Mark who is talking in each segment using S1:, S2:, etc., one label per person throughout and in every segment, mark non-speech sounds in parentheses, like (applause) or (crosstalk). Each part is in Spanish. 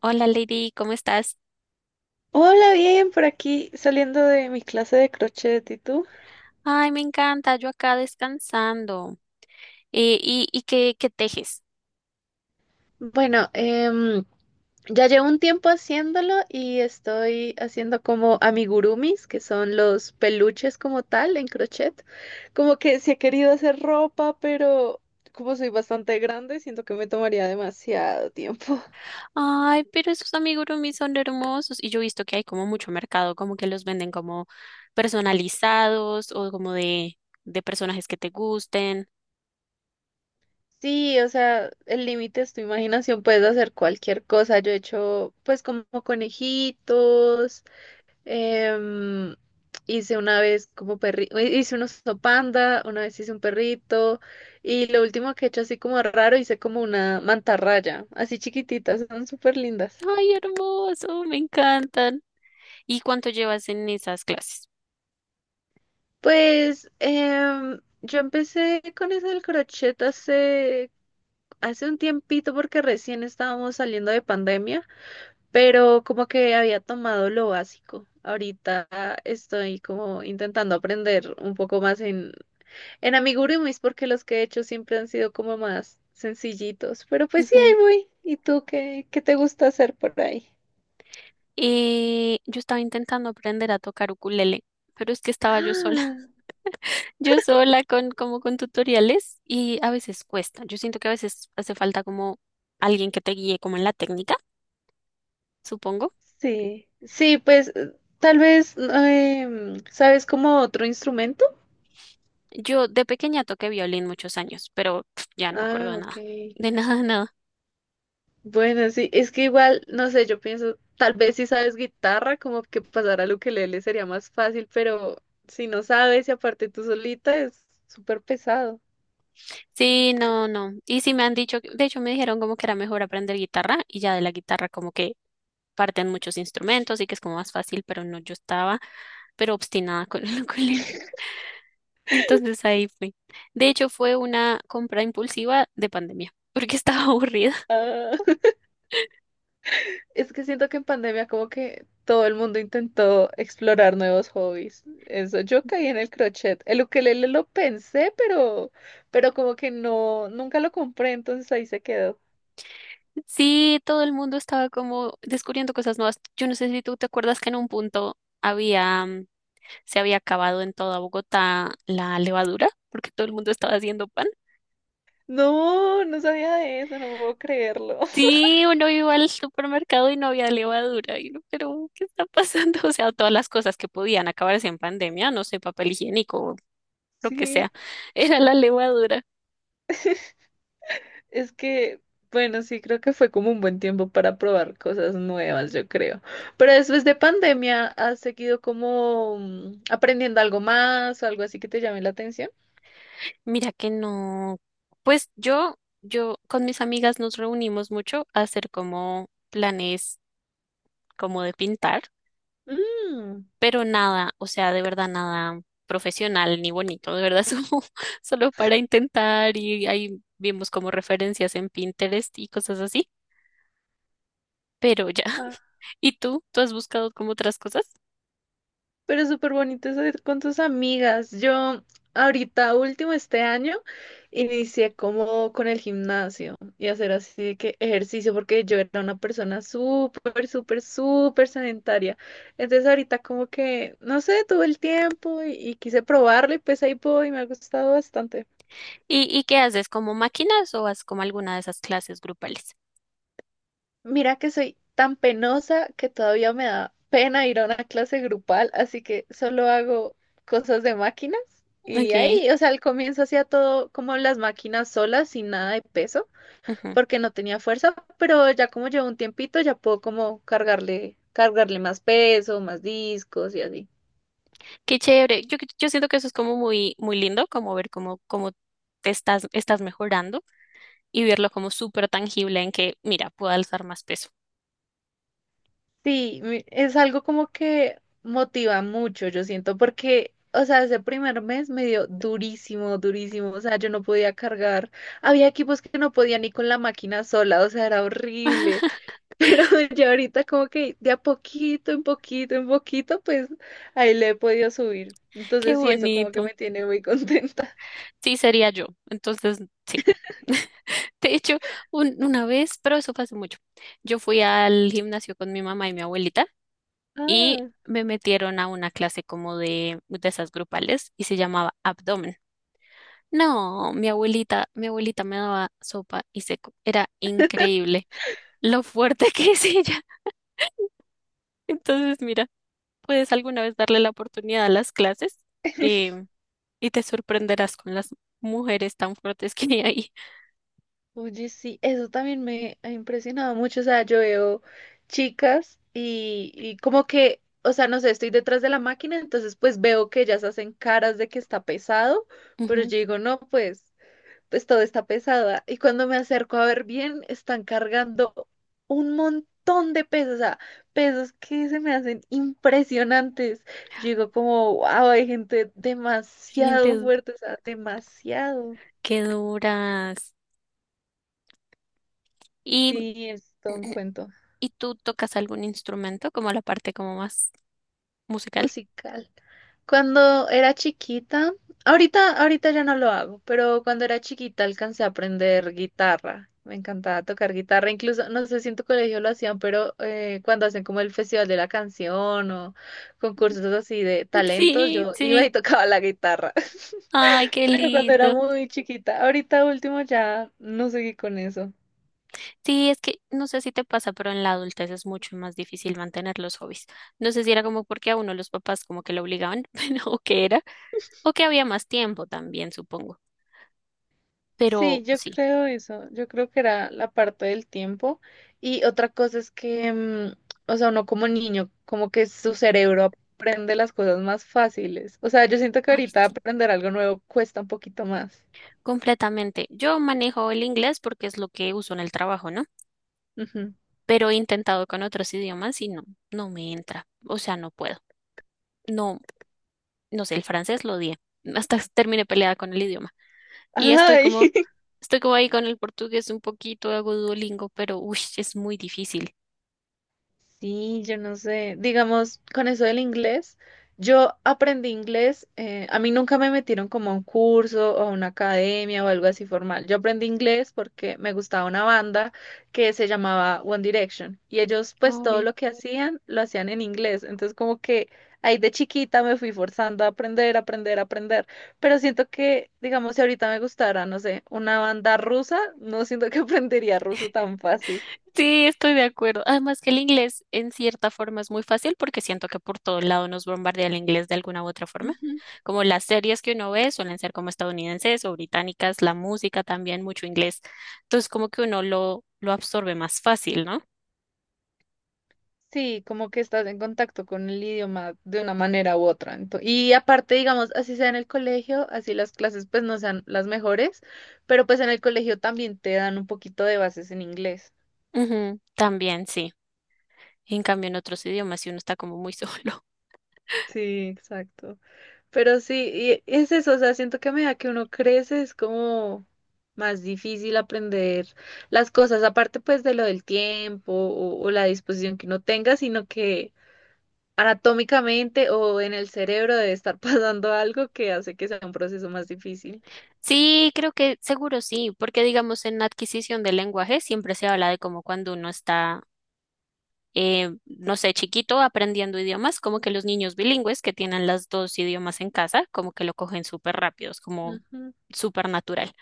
S1: Hola Lady, ¿cómo estás?
S2: Hola, bien, por aquí saliendo de mi clase de crochet, ¿y tú?
S1: Ay, me encanta, yo acá descansando. ¿Y qué tejes?
S2: Bueno, ya llevo un tiempo haciéndolo y estoy haciendo como amigurumis, que son los peluches como tal en crochet. Como que sí he querido hacer ropa, pero como soy bastante grande, siento que me tomaría demasiado tiempo. (laughs)
S1: Ay, pero esos amigurumis son hermosos. Y yo he visto que hay como mucho mercado, como que los venden como personalizados o como de personajes que te gusten.
S2: Sí, o sea, el límite es tu imaginación, puedes hacer cualquier cosa. Yo he hecho pues como conejitos. Em, hice una vez como perrito, hice un oso panda, una vez hice un perrito y lo último que he hecho así como raro, hice como una mantarraya, así chiquititas, son súper lindas.
S1: Ay, hermoso, me encantan. ¿Y cuánto llevas en esas clases?
S2: Pues yo empecé con eso del crochet hace un tiempito porque recién estábamos saliendo de pandemia, pero como que había tomado lo básico. Ahorita estoy como intentando aprender un poco más en amigurumis, porque los que he hecho siempre han sido como más sencillitos. Pero pues sí, ahí
S1: Ujú.
S2: voy. ¿Y tú qué, qué te gusta hacer por ahí?
S1: Yo estaba intentando aprender a tocar ukulele, pero es que estaba yo sola.
S2: Ah,
S1: Yo sola con como con tutoriales y a veces cuesta. Yo siento que a veces hace falta como alguien que te guíe como en la técnica, supongo.
S2: sí. Sí, pues tal vez, ¿sabes como otro instrumento?
S1: Yo de pequeña toqué violín muchos años, pero (sniffs) pf, ya no me acuerdo
S2: Ah,
S1: de
S2: ok.
S1: nada. De (laughs) nada, nada.
S2: Bueno, sí, es que igual, no sé, yo pienso, tal vez si sabes guitarra, como que pasar al ukelele sería más fácil, pero si no sabes y aparte tú solita es súper pesado.
S1: Sí, no, no. Y sí me han dicho, de hecho me dijeron como que era mejor aprender guitarra y ya de la guitarra como que parten muchos instrumentos y que es como más fácil, pero no, yo estaba pero obstinada (laughs) con el ukulele. Entonces ahí fui. De hecho fue una compra impulsiva de pandemia, porque estaba (laughs) aburrida.
S2: Es que siento que en pandemia como que todo el mundo intentó explorar nuevos hobbies. Eso, yo caí en el crochet. El ukelele lo pensé, pero como que no, nunca lo compré, entonces ahí se quedó.
S1: Sí, todo el mundo estaba como descubriendo cosas nuevas. Yo no sé si tú te acuerdas que en un punto había, se había acabado en toda Bogotá la levadura, porque todo el mundo estaba haciendo pan.
S2: No, no sabía de eso, no puedo creerlo. (laughs)
S1: Sí, uno iba al supermercado y no había levadura. Y uno, pero ¿qué está pasando? (laughs) O sea, todas las cosas que podían acabarse en pandemia, no sé, papel higiénico, lo que
S2: Sí,
S1: sea, (laughs) era la levadura.
S2: es que, bueno, sí, creo que fue como un buen tiempo para probar cosas nuevas, yo creo. Pero después de pandemia, ¿has seguido como aprendiendo algo más o algo así que te llame la atención?
S1: Mira que no. Pues yo con mis amigas nos reunimos mucho a hacer como planes como de pintar.
S2: Mm.
S1: Pero nada, o sea, de verdad nada profesional ni bonito, de verdad, (laughs) solo para intentar y ahí vimos como referencias en Pinterest y cosas así, pero ya. (laughs) ¿Y tú? ¿Tú has buscado como otras cosas?
S2: Pero es súper bonito eso de ir con tus amigas. Yo ahorita, último este año, inicié como con el gimnasio y hacer así de que ejercicio, porque yo era una persona súper, súper, súper sedentaria. Entonces ahorita como que, no sé, tuve el tiempo y quise probarlo y pues ahí voy y me ha gustado bastante.
S1: ¿Y qué haces? ¿Como máquinas o haces como alguna de esas clases grupales?
S2: Mira que soy tan penosa que todavía me da pena ir a una clase grupal, así que solo hago cosas de máquinas. Y
S1: Ok.
S2: ahí, o sea, al comienzo hacía todo como las máquinas solas, sin nada de peso,
S1: Ujú.
S2: porque no tenía fuerza, pero ya como llevo un tiempito, ya puedo como cargarle, cargarle más peso, más discos y así.
S1: Qué chévere. Yo siento que eso es como muy, muy lindo, como ver cómo te estás mejorando y verlo como súper tangible en que, mira, puedo alzar más peso.
S2: Sí, mi- es algo como que motiva mucho, yo siento, porque, o sea, ese primer mes me dio durísimo, durísimo, o sea, yo no podía cargar, había equipos que no podía ni con la máquina sola, o sea, era horrible, (laughs) pero ya ahorita como que de a poquito, en poquito, en poquito, pues ahí le he podido subir.
S1: Qué
S2: Entonces sí, eso como que
S1: bonito.
S2: me tiene muy contenta.
S1: Sí, sería yo. Entonces, sí. (laughs) De hecho, una vez, pero eso fue hace mucho, yo fui al gimnasio con mi mamá y mi abuelita
S2: (laughs)
S1: y
S2: Ah.
S1: me metieron a una clase como de esas grupales y se llamaba abdomen. No, mi abuelita me daba sopa y seco. Era increíble lo fuerte (laughs) que es ella. Entonces, mira. Puedes alguna vez darle la oportunidad a las clases, em, y te sorprenderás con las mujeres tan fuertes que hay ahí.
S2: Oye, sí, eso también me ha impresionado mucho. O sea, yo veo chicas y como que, o sea, no sé, estoy detrás de la máquina, entonces pues veo que ellas hacen caras de que está pesado, pero
S1: Ujú.
S2: yo digo, no, pues, pues todo está pesado. Y cuando me acerco a ver bien, están cargando un montón de pesos, o sea, pesos que se me hacen impresionantes. Yo digo como, wow, hay gente
S1: Ay,
S2: demasiado fuerte, o sea, demasiado.
S1: qué duras. ¿Y,
S2: Sí, es todo un cuento.
S1: y tú tocas algún instrumento como la parte como más musical?
S2: Musical. Cuando era chiquita, ahorita ya no lo hago, pero cuando era chiquita alcancé a aprender guitarra. Me encantaba tocar guitarra, incluso, no sé si en tu colegio lo hacían, pero cuando hacen como el Festival de la Canción o concursos así de talentos,
S1: Sí,
S2: yo iba
S1: sí.
S2: y (laughs) tocaba la guitarra,
S1: Ay,
S2: (laughs)
S1: qué
S2: pero cuando era
S1: lindo.
S2: muy chiquita, ahorita último ya no seguí con eso.
S1: Sí, es que no sé si te pasa, pero en la adultez es mucho más difícil mantener los hobbies. No sé si era como porque a uno los papás como que lo obligaban, (laughs) pero, o que era, o que había más tiempo también, supongo. Pero
S2: Sí, yo
S1: sí.
S2: creo eso. Yo creo que era la parte del tiempo. Y otra cosa es que, o sea, uno como niño, como que su cerebro aprende las cosas más fáciles. O sea, yo siento que
S1: Ay,
S2: ahorita
S1: sí.
S2: aprender algo nuevo cuesta un poquito más.
S1: Completamente. Yo manejo el inglés porque es lo que uso en el trabajo, ¿no?
S2: Ujú.
S1: Pero he intentado con otros idiomas y no, no me entra. O sea, no puedo. No, no sé, el francés lo odié. (laughs) Hasta terminé peleada con el idioma. Y estoy
S2: Ay.
S1: como,
S2: (laughs)
S1: Estoy como ahí con el portugués un poquito, hago Duolingo, pero uy, es muy difícil.
S2: Sí, yo no sé. Digamos, con eso del inglés, yo aprendí inglés. A mí nunca me metieron como a un curso o a una academia o algo así formal. Yo aprendí inglés porque me gustaba una banda que se llamaba One Direction y ellos pues todo
S1: Obvio.
S2: lo que hacían lo hacían en inglés. Entonces como que ahí de chiquita me fui forzando a aprender, aprender, aprender. Pero siento que, digamos, si ahorita me gustara, no sé, una banda rusa, no siento que (laughs) aprendería ruso tan fácil.
S1: Sí, estoy de acuerdo. Además que el inglés en cierta forma es muy fácil porque siento que por todo lado nos bombardea el inglés de alguna u otra forma. Como las series que uno ve suelen ser como estadounidenses o británicas, la música también mucho inglés. Entonces como que uno lo absorbe más fácil, ¿no?
S2: Sí, como que estás en contacto con el idioma de una manera u otra. Ento- y aparte, digamos, así sea en el colegio, así las clases pues no sean las mejores, pero pues en el colegio también te dan un poquito de bases en inglés.
S1: Ujú, también, sí. En cambio en otros idiomas si uno está como muy solo.
S2: Sí, exacto. Pero sí, y es eso, o sea, siento que a medida
S1: (laughs)
S2: que uno crece es como más difícil aprender las cosas, aparte pues de lo del tiempo o la disposición que uno tenga, sino que anatómicamente o en el cerebro debe estar (laughs) pasando algo que hace que sea un proceso más difícil.
S1: Sí, creo que seguro sí, porque digamos en adquisición de lenguaje siempre se habla de como cuando uno está, no sé, chiquito aprendiendo idiomas, como que los niños bilingües que tienen las dos idiomas en casa, como que lo cogen súper rápido, es como
S2: Ujú.
S1: súper natural.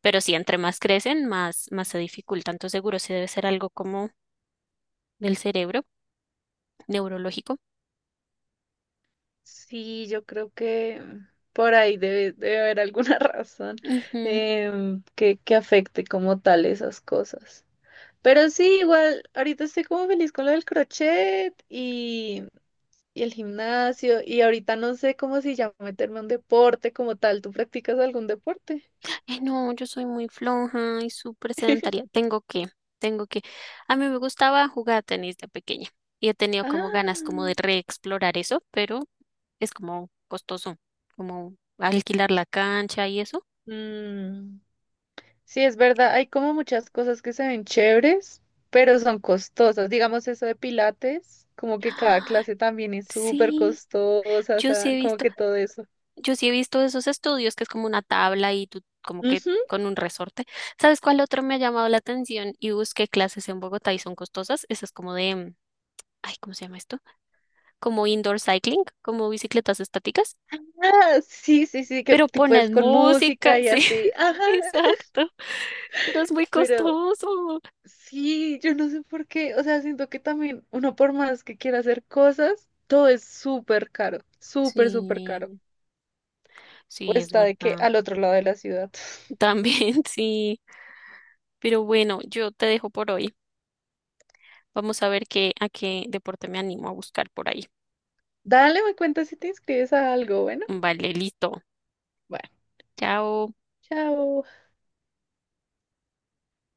S1: Pero sí, entre más crecen, más se dificulta. Entonces seguro sí debe ser algo como del cerebro neurológico.
S2: Sí, yo creo que por ahí debe haber alguna (laughs) razón que afecte como tal esas cosas. Pero sí, igual, ahorita estoy como feliz con lo del crochet y el gimnasio y ahorita no sé cómo si ya meterme a un deporte como tal. ¿Tú practicas algún deporte?
S1: Ay, no, yo soy muy floja y súper sedentaria. Tengo que. A mí me gustaba jugar tenis de pequeña y he tenido como ganas
S2: Ah.
S1: como de reexplorar eso, pero es como costoso, como alquilar la cancha y eso.
S2: Mm. Sí, es verdad, hay como muchas cosas que se ven chéveres, pero son costosas. Digamos eso de Pilates, como que cada
S1: ¡Ah!
S2: clase también es súper
S1: Sí,
S2: costosa, o
S1: yo sí he
S2: sea, como
S1: visto,
S2: que todo eso.
S1: yo sí he visto esos estudios que es como una tabla y tú como que
S2: Ujú.
S1: con un resorte. ¿Sabes cuál otro me ha llamado la atención? Y busqué clases en Bogotá y son costosas. Esas como de, ay, ¿cómo se llama esto? Como indoor cycling, como bicicletas estáticas,
S2: Ah, sí, sí, sí, que
S1: pero
S2: tipo es
S1: ponen
S2: con
S1: música,
S2: música y
S1: sí,
S2: así. Ajá,
S1: (laughs) exacto, pero es muy
S2: pero
S1: costoso.
S2: sí, yo no sé por qué, o sea, siento que también uno por más que quiera hacer cosas, todo es súper caro, súper, súper caro.
S1: Sí,
S2: O
S1: sí, es
S2: está de que
S1: verdad.
S2: al otro lado de la ciudad.
S1: También (laughs) sí, pero bueno, yo te dejo por hoy. Vamos a ver a qué deporte me animo a buscar por ahí.
S2: Dale, me cuenta si te inscribes a algo, bueno.
S1: Vale, listo.
S2: Bueno,
S1: Chao.
S2: chao.